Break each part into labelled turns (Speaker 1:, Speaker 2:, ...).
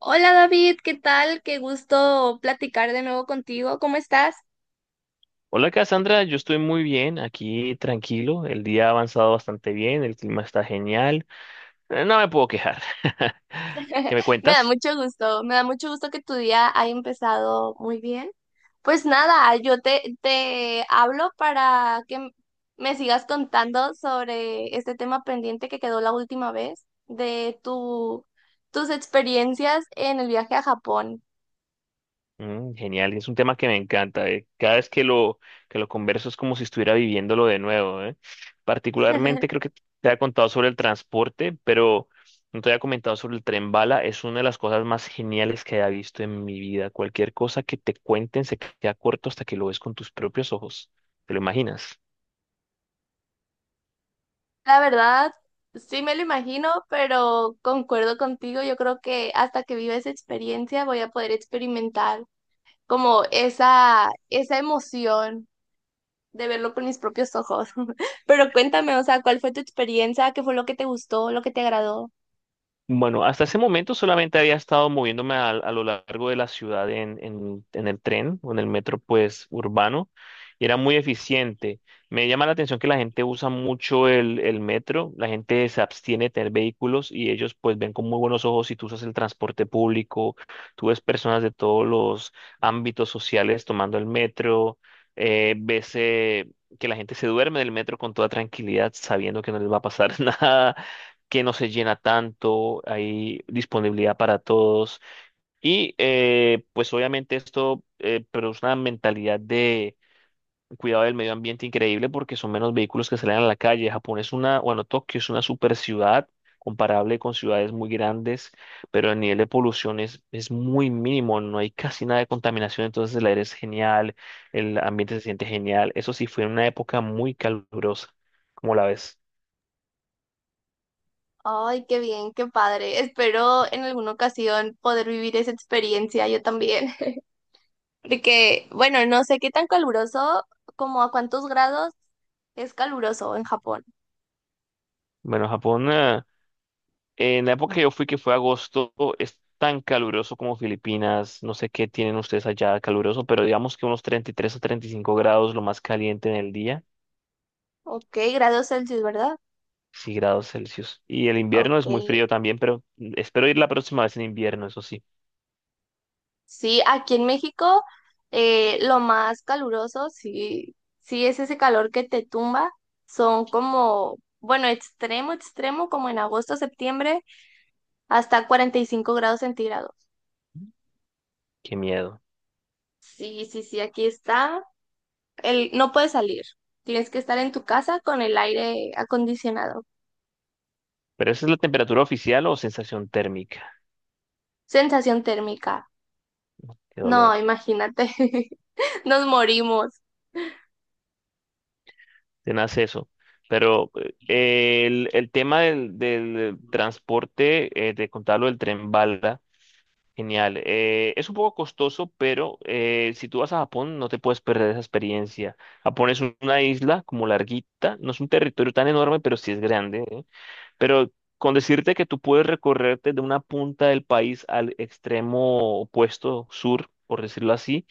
Speaker 1: Hola David, ¿qué tal? Qué gusto platicar de nuevo contigo. ¿Cómo estás?
Speaker 2: Hola Cassandra, yo estoy muy bien, aquí tranquilo, el día ha avanzado bastante bien, el clima está genial, no me puedo quejar. ¿Qué me
Speaker 1: Me da
Speaker 2: cuentas?
Speaker 1: mucho gusto, me da mucho gusto que tu día haya empezado muy bien. Pues nada, yo te hablo para que me sigas contando sobre este tema pendiente que quedó la última vez de tus experiencias en el viaje a Japón.
Speaker 2: Genial, y es un tema que me encanta, cada vez que lo, converso es como si estuviera viviéndolo de nuevo. Particularmente creo que te ha contado sobre el transporte, pero no te había comentado sobre el tren bala, es una de las cosas más geniales que haya visto en mi vida. Cualquier cosa que te cuenten se queda corto hasta que lo ves con tus propios ojos, ¿te lo imaginas?
Speaker 1: La verdad, sí me lo imagino, pero concuerdo contigo. Yo creo que hasta que viva esa experiencia voy a poder experimentar como esa emoción de verlo con mis propios ojos. Pero cuéntame, o sea, ¿cuál fue tu experiencia? ¿Qué fue lo que te gustó, lo que te agradó?
Speaker 2: Bueno, hasta ese momento solamente había estado moviéndome a lo largo de la ciudad en el tren o en el metro, pues, urbano, y era muy eficiente. Me llama la atención que la gente usa mucho el metro, la gente se abstiene de tener vehículos y ellos, pues, ven con muy buenos ojos si tú usas el transporte público, tú ves personas de todos los ámbitos sociales tomando el metro, eh, ves... eh, que la gente se duerme del metro con toda tranquilidad, sabiendo que no les va a pasar nada que no se llena tanto, hay disponibilidad para todos. Y pues obviamente esto produce una mentalidad de cuidado del medio ambiente increíble porque son menos vehículos que salen a la calle. Japón es una, bueno, Tokio es una super ciudad comparable con ciudades muy grandes, pero el nivel de polución es muy mínimo, no hay casi nada de contaminación, entonces el aire es genial, el ambiente se siente genial. Eso sí, fue una época muy calurosa, como la ves.
Speaker 1: Ay, qué bien, qué padre. Espero en alguna ocasión poder vivir esa experiencia yo también. Porque, bueno, no sé qué tan caluroso, como a cuántos grados es caluroso en Japón.
Speaker 2: Bueno, Japón, en la época que yo fui, que fue agosto, es tan caluroso como Filipinas. No sé qué tienen ustedes allá caluroso, pero digamos que unos 33 o 35 grados, lo más caliente en el día,
Speaker 1: Ok, grados Celsius, ¿verdad?
Speaker 2: sí grados Celsius. Y el invierno
Speaker 1: Ok.
Speaker 2: es muy frío también, pero espero ir la próxima vez en invierno, eso sí.
Speaker 1: Sí, aquí en México lo más caluroso, sí, sí es ese calor que te tumba. Son como, bueno, extremo, extremo, como en agosto, septiembre, hasta 45 grados centígrados.
Speaker 2: Qué miedo.
Speaker 1: Sí, sí, sí, aquí está. El, no puedes salir. Tienes que estar en tu casa con el aire acondicionado.
Speaker 2: Pero esa es la temperatura oficial o sensación térmica.
Speaker 1: Sensación térmica.
Speaker 2: Qué
Speaker 1: No,
Speaker 2: dolor.
Speaker 1: imagínate. Nos morimos.
Speaker 2: Te nace eso. Pero el, tema del transporte, te contaba del tren bala. Genial. Es un poco costoso, pero si tú vas a Japón no te puedes perder esa experiencia. Japón es una isla como larguita, no es un territorio tan enorme, pero sí es grande, ¿eh? Pero con decirte que tú puedes recorrerte de una punta del país al extremo opuesto, sur, por decirlo así,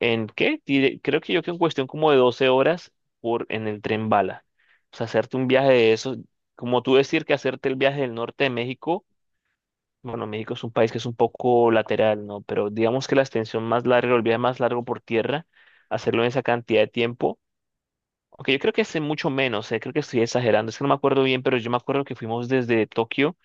Speaker 2: ¿en qué? Creo que yo que en cuestión como de 12 horas en el tren bala. O sea, hacerte un viaje de eso, como tú decir que hacerte el viaje del norte de México. Bueno, México es un país que es un poco lateral, ¿no? Pero digamos que la extensión más larga, el viaje más largo por tierra, hacerlo en esa cantidad de tiempo. Aunque yo creo que es en mucho menos, creo que estoy exagerando, es que no me acuerdo bien, pero yo me acuerdo que fuimos desde Tokio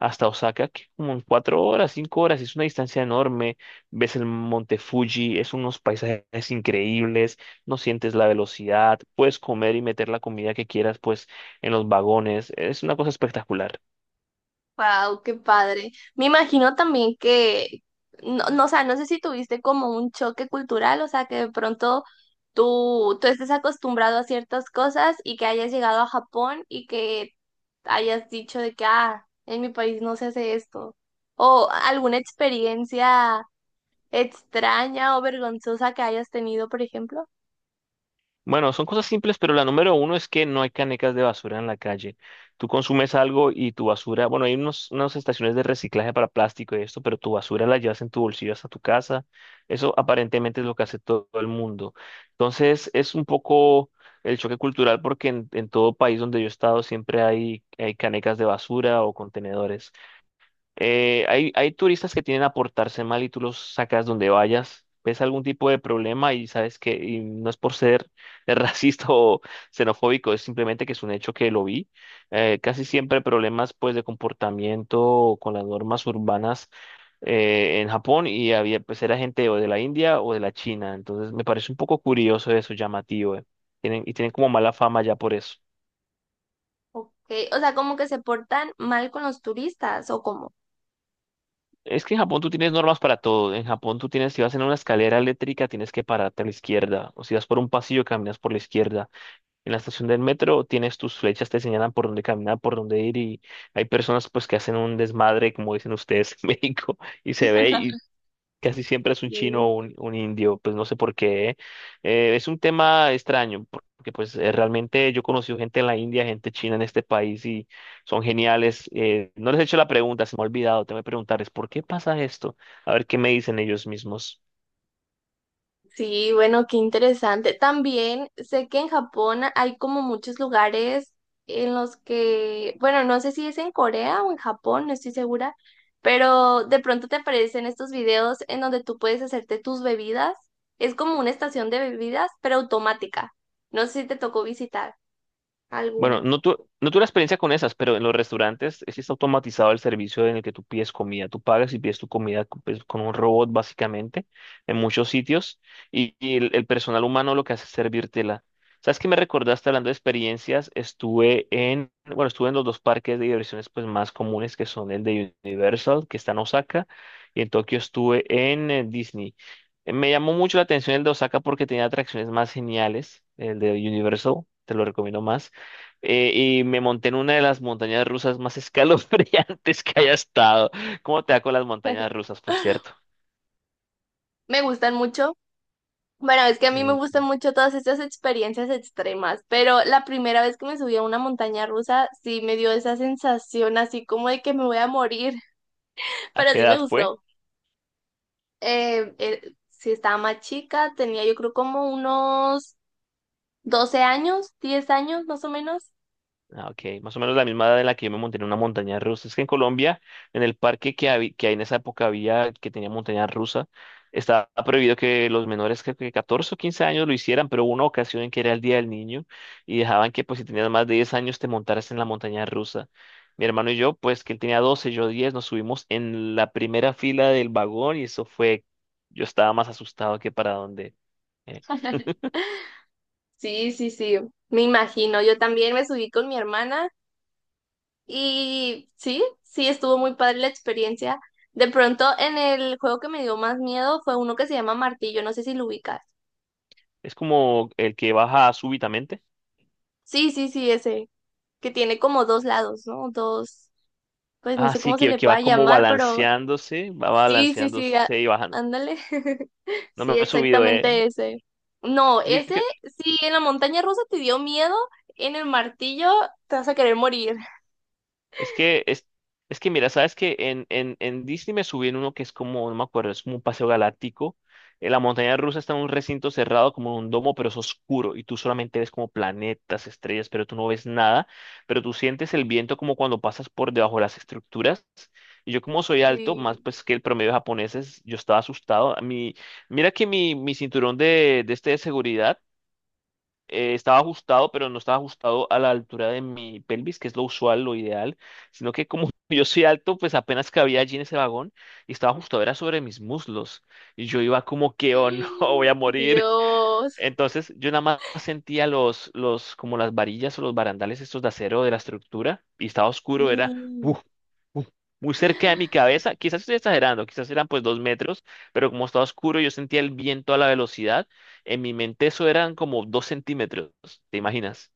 Speaker 2: hasta Osaka, que como en 4 horas, 5 horas, es una distancia enorme. Ves el Monte Fuji, es unos paisajes increíbles, no sientes la velocidad, puedes comer y meter la comida que quieras, pues, en los vagones, es una cosa espectacular.
Speaker 1: Wow, qué padre. Me imagino también que, no, no, o sea, no sé si tuviste como un choque cultural, o sea, que de pronto tú estés acostumbrado a ciertas cosas y que hayas llegado a Japón y que hayas dicho de que, ah, en mi país no se hace esto. O alguna experiencia extraña o vergonzosa que hayas tenido, por ejemplo.
Speaker 2: Bueno, son cosas simples, pero la número uno es que no hay canecas de basura en la calle. Tú consumes algo y tu basura, bueno, hay unas estaciones de reciclaje para plástico y esto, pero tu basura la llevas en tu bolsillo hasta tu casa. Eso aparentemente es lo que hace todo el mundo. Entonces, es un poco el choque cultural porque en todo país donde yo he estado siempre hay canecas de basura o contenedores. Hay turistas que tienen a portarse mal y tú los sacas donde vayas, ves algún tipo de problema y sabes que y no es por ser racista o xenofóbico, es simplemente que es un hecho que lo vi. Casi siempre problemas pues de comportamiento con las normas urbanas en Japón y había pues era gente o de la India o de la China, entonces me parece un poco curioso eso, llamativo. Tienen, y tienen como mala fama ya por eso.
Speaker 1: Ok, o sea, como que se portan mal con los turistas o cómo.
Speaker 2: Es que en Japón tú tienes normas para todo. En Japón tú tienes, si vas en una escalera eléctrica, tienes que pararte a la izquierda. O si vas por un pasillo, caminas por la izquierda. En la estación del metro tienes tus flechas, te señalan por dónde caminar, por dónde ir. Y hay personas pues que hacen un desmadre, como dicen ustedes en México, y se ve casi siempre es un chino o un indio, pues no sé por qué. Es un tema extraño, porque pues realmente yo he conocido gente en la India, gente china en este país y son geniales. No les he hecho la pregunta, se me ha olvidado, tengo que preguntarles, ¿por qué pasa esto? A ver qué me dicen ellos mismos.
Speaker 1: Sí, bueno, qué interesante. También sé que en Japón hay como muchos lugares en los que, bueno, no sé si es en Corea o en Japón, no estoy segura, pero de pronto te aparecen estos videos en donde tú puedes hacerte tus bebidas. Es como una estación de bebidas, pero automática. No sé si te tocó visitar
Speaker 2: Bueno,
Speaker 1: alguna.
Speaker 2: no, no tuve la experiencia con esas, pero en los restaurantes sí está automatizado el servicio en el que tú pides comida. Tú pagas y pides tu comida pues, con un robot, básicamente, en muchos sitios. Y el personal humano lo que hace es servírtela. ¿Sabes qué me recordaste hablando de experiencias? Estuve en, bueno, estuve en los dos parques de diversiones pues, más comunes, que son el de Universal, que está en Osaka, y en Tokio estuve en Disney. Me llamó mucho la atención el de Osaka porque tenía atracciones más geniales, el de Universal, te lo recomiendo más eh, y me monté en una de las montañas rusas más escalofriantes que haya estado. ¿Cómo te va con las montañas rusas, por cierto?
Speaker 1: Me gustan mucho. Bueno, es que a mí me
Speaker 2: Mm,
Speaker 1: gustan mucho todas estas experiencias extremas, pero la primera vez que me subí a una montaña rusa sí me dio esa sensación así como de que me voy a morir,
Speaker 2: ¿A
Speaker 1: pero
Speaker 2: qué
Speaker 1: sí me
Speaker 2: edad fue?
Speaker 1: gustó. Sí estaba más chica, tenía yo creo como unos 12 años, 10 años más o menos.
Speaker 2: Ah, ok, más o menos la misma edad en la que yo me monté en una montaña rusa. Es que en Colombia, en el parque que hay en esa época había, que tenía montaña rusa, estaba prohibido que los menores, creo que 14 o 15 años lo hicieran, pero hubo una ocasión en que era el Día del Niño y dejaban que pues si tenías más de 10 años te montaras en la montaña rusa. Mi hermano y yo, pues que él tenía 12, yo 10, nos subimos en la primera fila del vagón y eso fue, yo estaba más asustado que para donde. eh,
Speaker 1: Sí, sí, sí, me imagino. Yo también me subí con mi hermana. Y sí, sí, estuvo muy padre la experiencia. De pronto, en el juego que me dio más miedo fue uno que se llama Martillo, no sé si lo ubicas.
Speaker 2: es como el que baja súbitamente.
Speaker 1: Sí, sí, sí, ese, que tiene como dos lados, ¿no? Dos, pues no
Speaker 2: Ah,
Speaker 1: sé
Speaker 2: sí,
Speaker 1: cómo se
Speaker 2: que,
Speaker 1: le
Speaker 2: que va
Speaker 1: pueda
Speaker 2: como
Speaker 1: llamar, pero
Speaker 2: balanceándose, va
Speaker 1: sí, sí, sí,
Speaker 2: balanceándose y bajando.
Speaker 1: ándale.
Speaker 2: No me
Speaker 1: Sí,
Speaker 2: he subido.
Speaker 1: exactamente ese. No, ese, sí, en la montaña rusa te dio miedo, en el martillo te vas a querer morir.
Speaker 2: Es que, es, es que mira, sabes que en Disney me subí en uno que es como, no me acuerdo, es como un paseo galáctico. En la montaña rusa está en un recinto cerrado, como en un domo, pero es oscuro y tú solamente ves como planetas, estrellas, pero tú no ves nada. Pero tú sientes el viento como cuando pasas por debajo de las estructuras. Y yo, como soy alto, más
Speaker 1: Sí.
Speaker 2: pues que el promedio de japoneses, yo estaba asustado. A mí, mira que mi cinturón de este de seguridad estaba ajustado, pero no estaba ajustado a la altura de mi pelvis, que es lo usual, lo ideal, sino que como yo soy alto, pues apenas cabía allí en ese vagón y estaba ajustado, era sobre mis muslos. Y yo iba como que, oh no, voy a morir.
Speaker 1: Dios.
Speaker 2: Entonces yo nada más sentía los, como las varillas o los barandales estos de acero de la estructura y estaba oscuro, era
Speaker 1: Sí.
Speaker 2: uf, uf, muy cerca de mi cabeza. Quizás estoy exagerando, quizás eran pues 2 metros, pero como estaba oscuro yo sentía el viento a la velocidad. En mi mente eso eran como 2 centímetros, ¿te imaginas?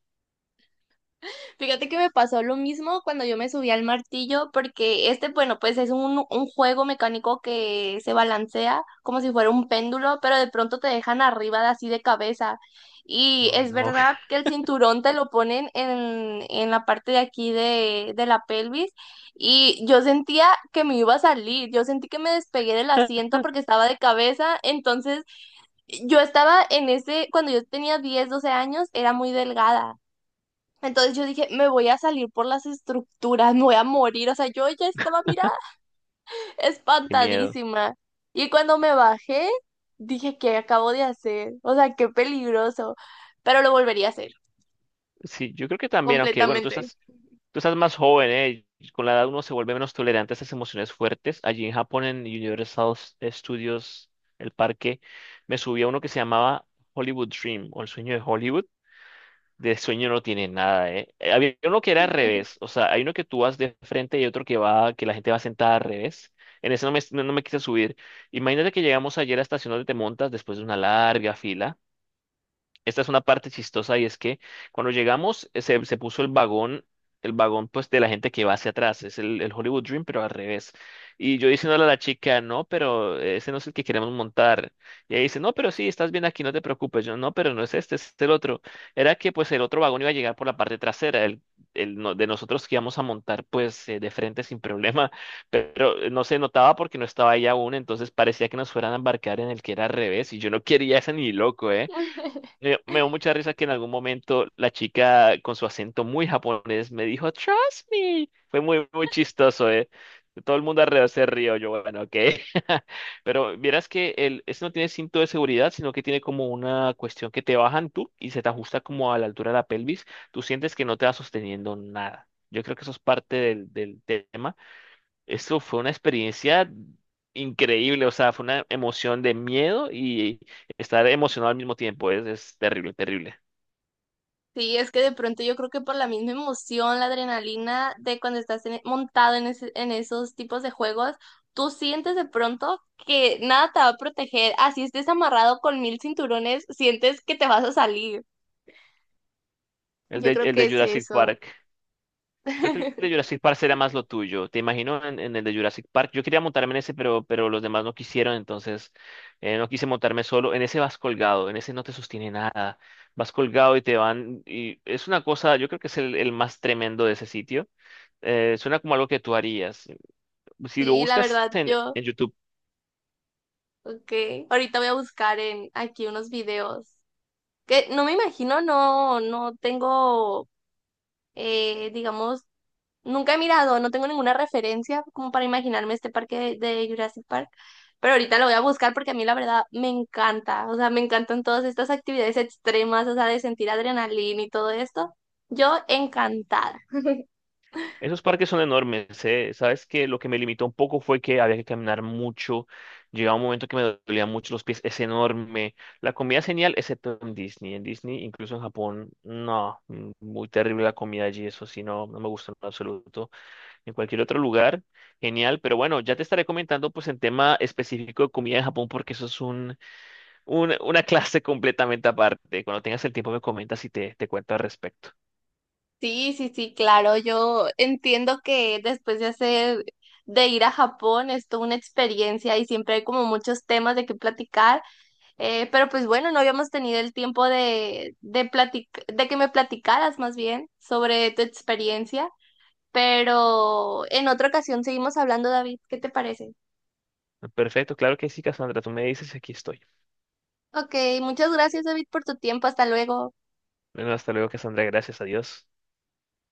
Speaker 1: Fíjate que me pasó lo mismo cuando yo me subí al martillo, porque este, bueno, pues es un juego mecánico que se balancea como si fuera un péndulo, pero de pronto te dejan arriba de así de cabeza. Y
Speaker 2: Oh,
Speaker 1: es
Speaker 2: no,
Speaker 1: verdad que el cinturón te lo ponen en la parte de aquí de la pelvis y yo sentía que me iba a salir, yo sentí que me despegué del asiento porque estaba de cabeza, entonces yo estaba en ese, cuando yo tenía 10 12 años, era muy delgada. Entonces yo dije, me voy a salir por las estructuras, me voy a morir. O sea, yo ya estaba, mira,
Speaker 2: qué miedo.
Speaker 1: espantadísima. Y cuando me bajé, dije, ¿qué acabo de hacer? O sea, qué peligroso. Pero lo volvería a hacer,
Speaker 2: Sí, yo creo que también, aunque bueno, tú
Speaker 1: completamente.
Speaker 2: estás Tú estás más joven, ¿eh? Con la edad uno se vuelve menos tolerante a esas emociones fuertes. Allí en Japón, en Universal Studios, el parque, me subí a uno que se llamaba Hollywood Dream o el sueño de Hollywood. De sueño no tiene nada, ¿eh? Había uno que era al revés, o sea, hay uno que tú vas de frente y otro que que la gente va sentada al revés. En ese no me quise subir. Imagínate que llegamos ayer a la estación donde te montas después de una larga fila. Esta es una parte chistosa y es que cuando llegamos se puso el vagón pues de la gente que va hacia atrás, es el Hollywood Dream pero al revés. Y yo diciéndole a la chica, no, pero ese no es el que queremos montar. Y ella dice, no, pero sí, estás bien aquí, no te preocupes. Yo, no, pero no es este, es el otro. Era que pues el otro vagón iba a llegar por la parte trasera, el de nosotros que íbamos a montar pues de frente sin problema, pero no se notaba porque no estaba ella aún, entonces parecía que nos fueran a embarcar en el que era al revés y yo no quería ese ni loco, ¿eh? Me dio mucha risa que en algún momento la chica con su acento muy japonés me dijo, Trust me. Fue muy, muy chistoso, ¿eh? Todo el mundo alrededor se rió, yo, bueno, ok. Pero vieras que ese no tiene cinto de seguridad, sino que tiene como una cuestión que te bajan tú y se te ajusta como a la altura de la pelvis. Tú sientes que no te va sosteniendo nada. Yo creo que eso es parte del tema eso fue una experiencia increíble, o sea, fue una emoción de miedo y estar emocionado al mismo tiempo. Es terrible, terrible.
Speaker 1: Sí, es que de pronto yo creo que por la misma emoción, la adrenalina de cuando estás montado en, en esos tipos de juegos, tú sientes de pronto que nada te va a proteger. Así estés amarrado con mil cinturones, sientes que te vas a salir.
Speaker 2: El
Speaker 1: Yo
Speaker 2: de,
Speaker 1: creo
Speaker 2: el
Speaker 1: que
Speaker 2: de
Speaker 1: es
Speaker 2: Jurassic
Speaker 1: eso.
Speaker 2: Park. Creo que el de Jurassic Park será más lo tuyo. Te imagino en, el de Jurassic Park. Yo quería montarme en ese, pero los demás no quisieron, entonces no quise montarme solo. En ese vas colgado, en ese no te sostiene nada. Vas colgado y te van. Y es una cosa, yo creo que es el más tremendo de ese sitio. Suena como algo que tú harías. Si lo
Speaker 1: Sí, la
Speaker 2: buscas
Speaker 1: verdad,
Speaker 2: en,
Speaker 1: yo,
Speaker 2: en YouTube,
Speaker 1: ok. Ahorita voy a buscar en aquí unos videos que no me imagino, no, no tengo, digamos, nunca he mirado, no tengo ninguna referencia como para imaginarme este parque de Jurassic Park, pero ahorita lo voy a buscar porque a mí la verdad me encanta, o sea, me encantan todas estas actividades extremas, o sea, de sentir adrenalina y todo esto. Yo encantada.
Speaker 2: esos parques son enormes, ¿eh? Sabes que lo que me limitó un poco fue que había que caminar mucho. Llegaba un momento que me dolían mucho los pies. Es enorme. La comida es genial, excepto en Disney. En Disney, incluso en Japón, no. Muy terrible la comida allí. Eso sí, no, no me gusta en absoluto. En cualquier otro lugar, genial. Pero bueno, ya te estaré comentando pues en tema específico de comida en Japón, porque eso es un, una clase completamente aparte. Cuando tengas el tiempo me comentas y te cuento al respecto.
Speaker 1: Sí, sí, sí, claro, yo entiendo que después de hacer, de ir a Japón, es toda una experiencia y siempre hay como muchos temas de qué platicar, pero pues bueno, no habíamos tenido el tiempo de de que me platicaras más bien sobre tu experiencia, pero en otra ocasión seguimos hablando, David, ¿qué te parece?
Speaker 2: Perfecto, claro que sí, Cassandra. Tú me dices y aquí estoy.
Speaker 1: Ok, muchas gracias, David, por tu tiempo, hasta luego.
Speaker 2: Bueno, hasta luego, Cassandra. Gracias a Dios.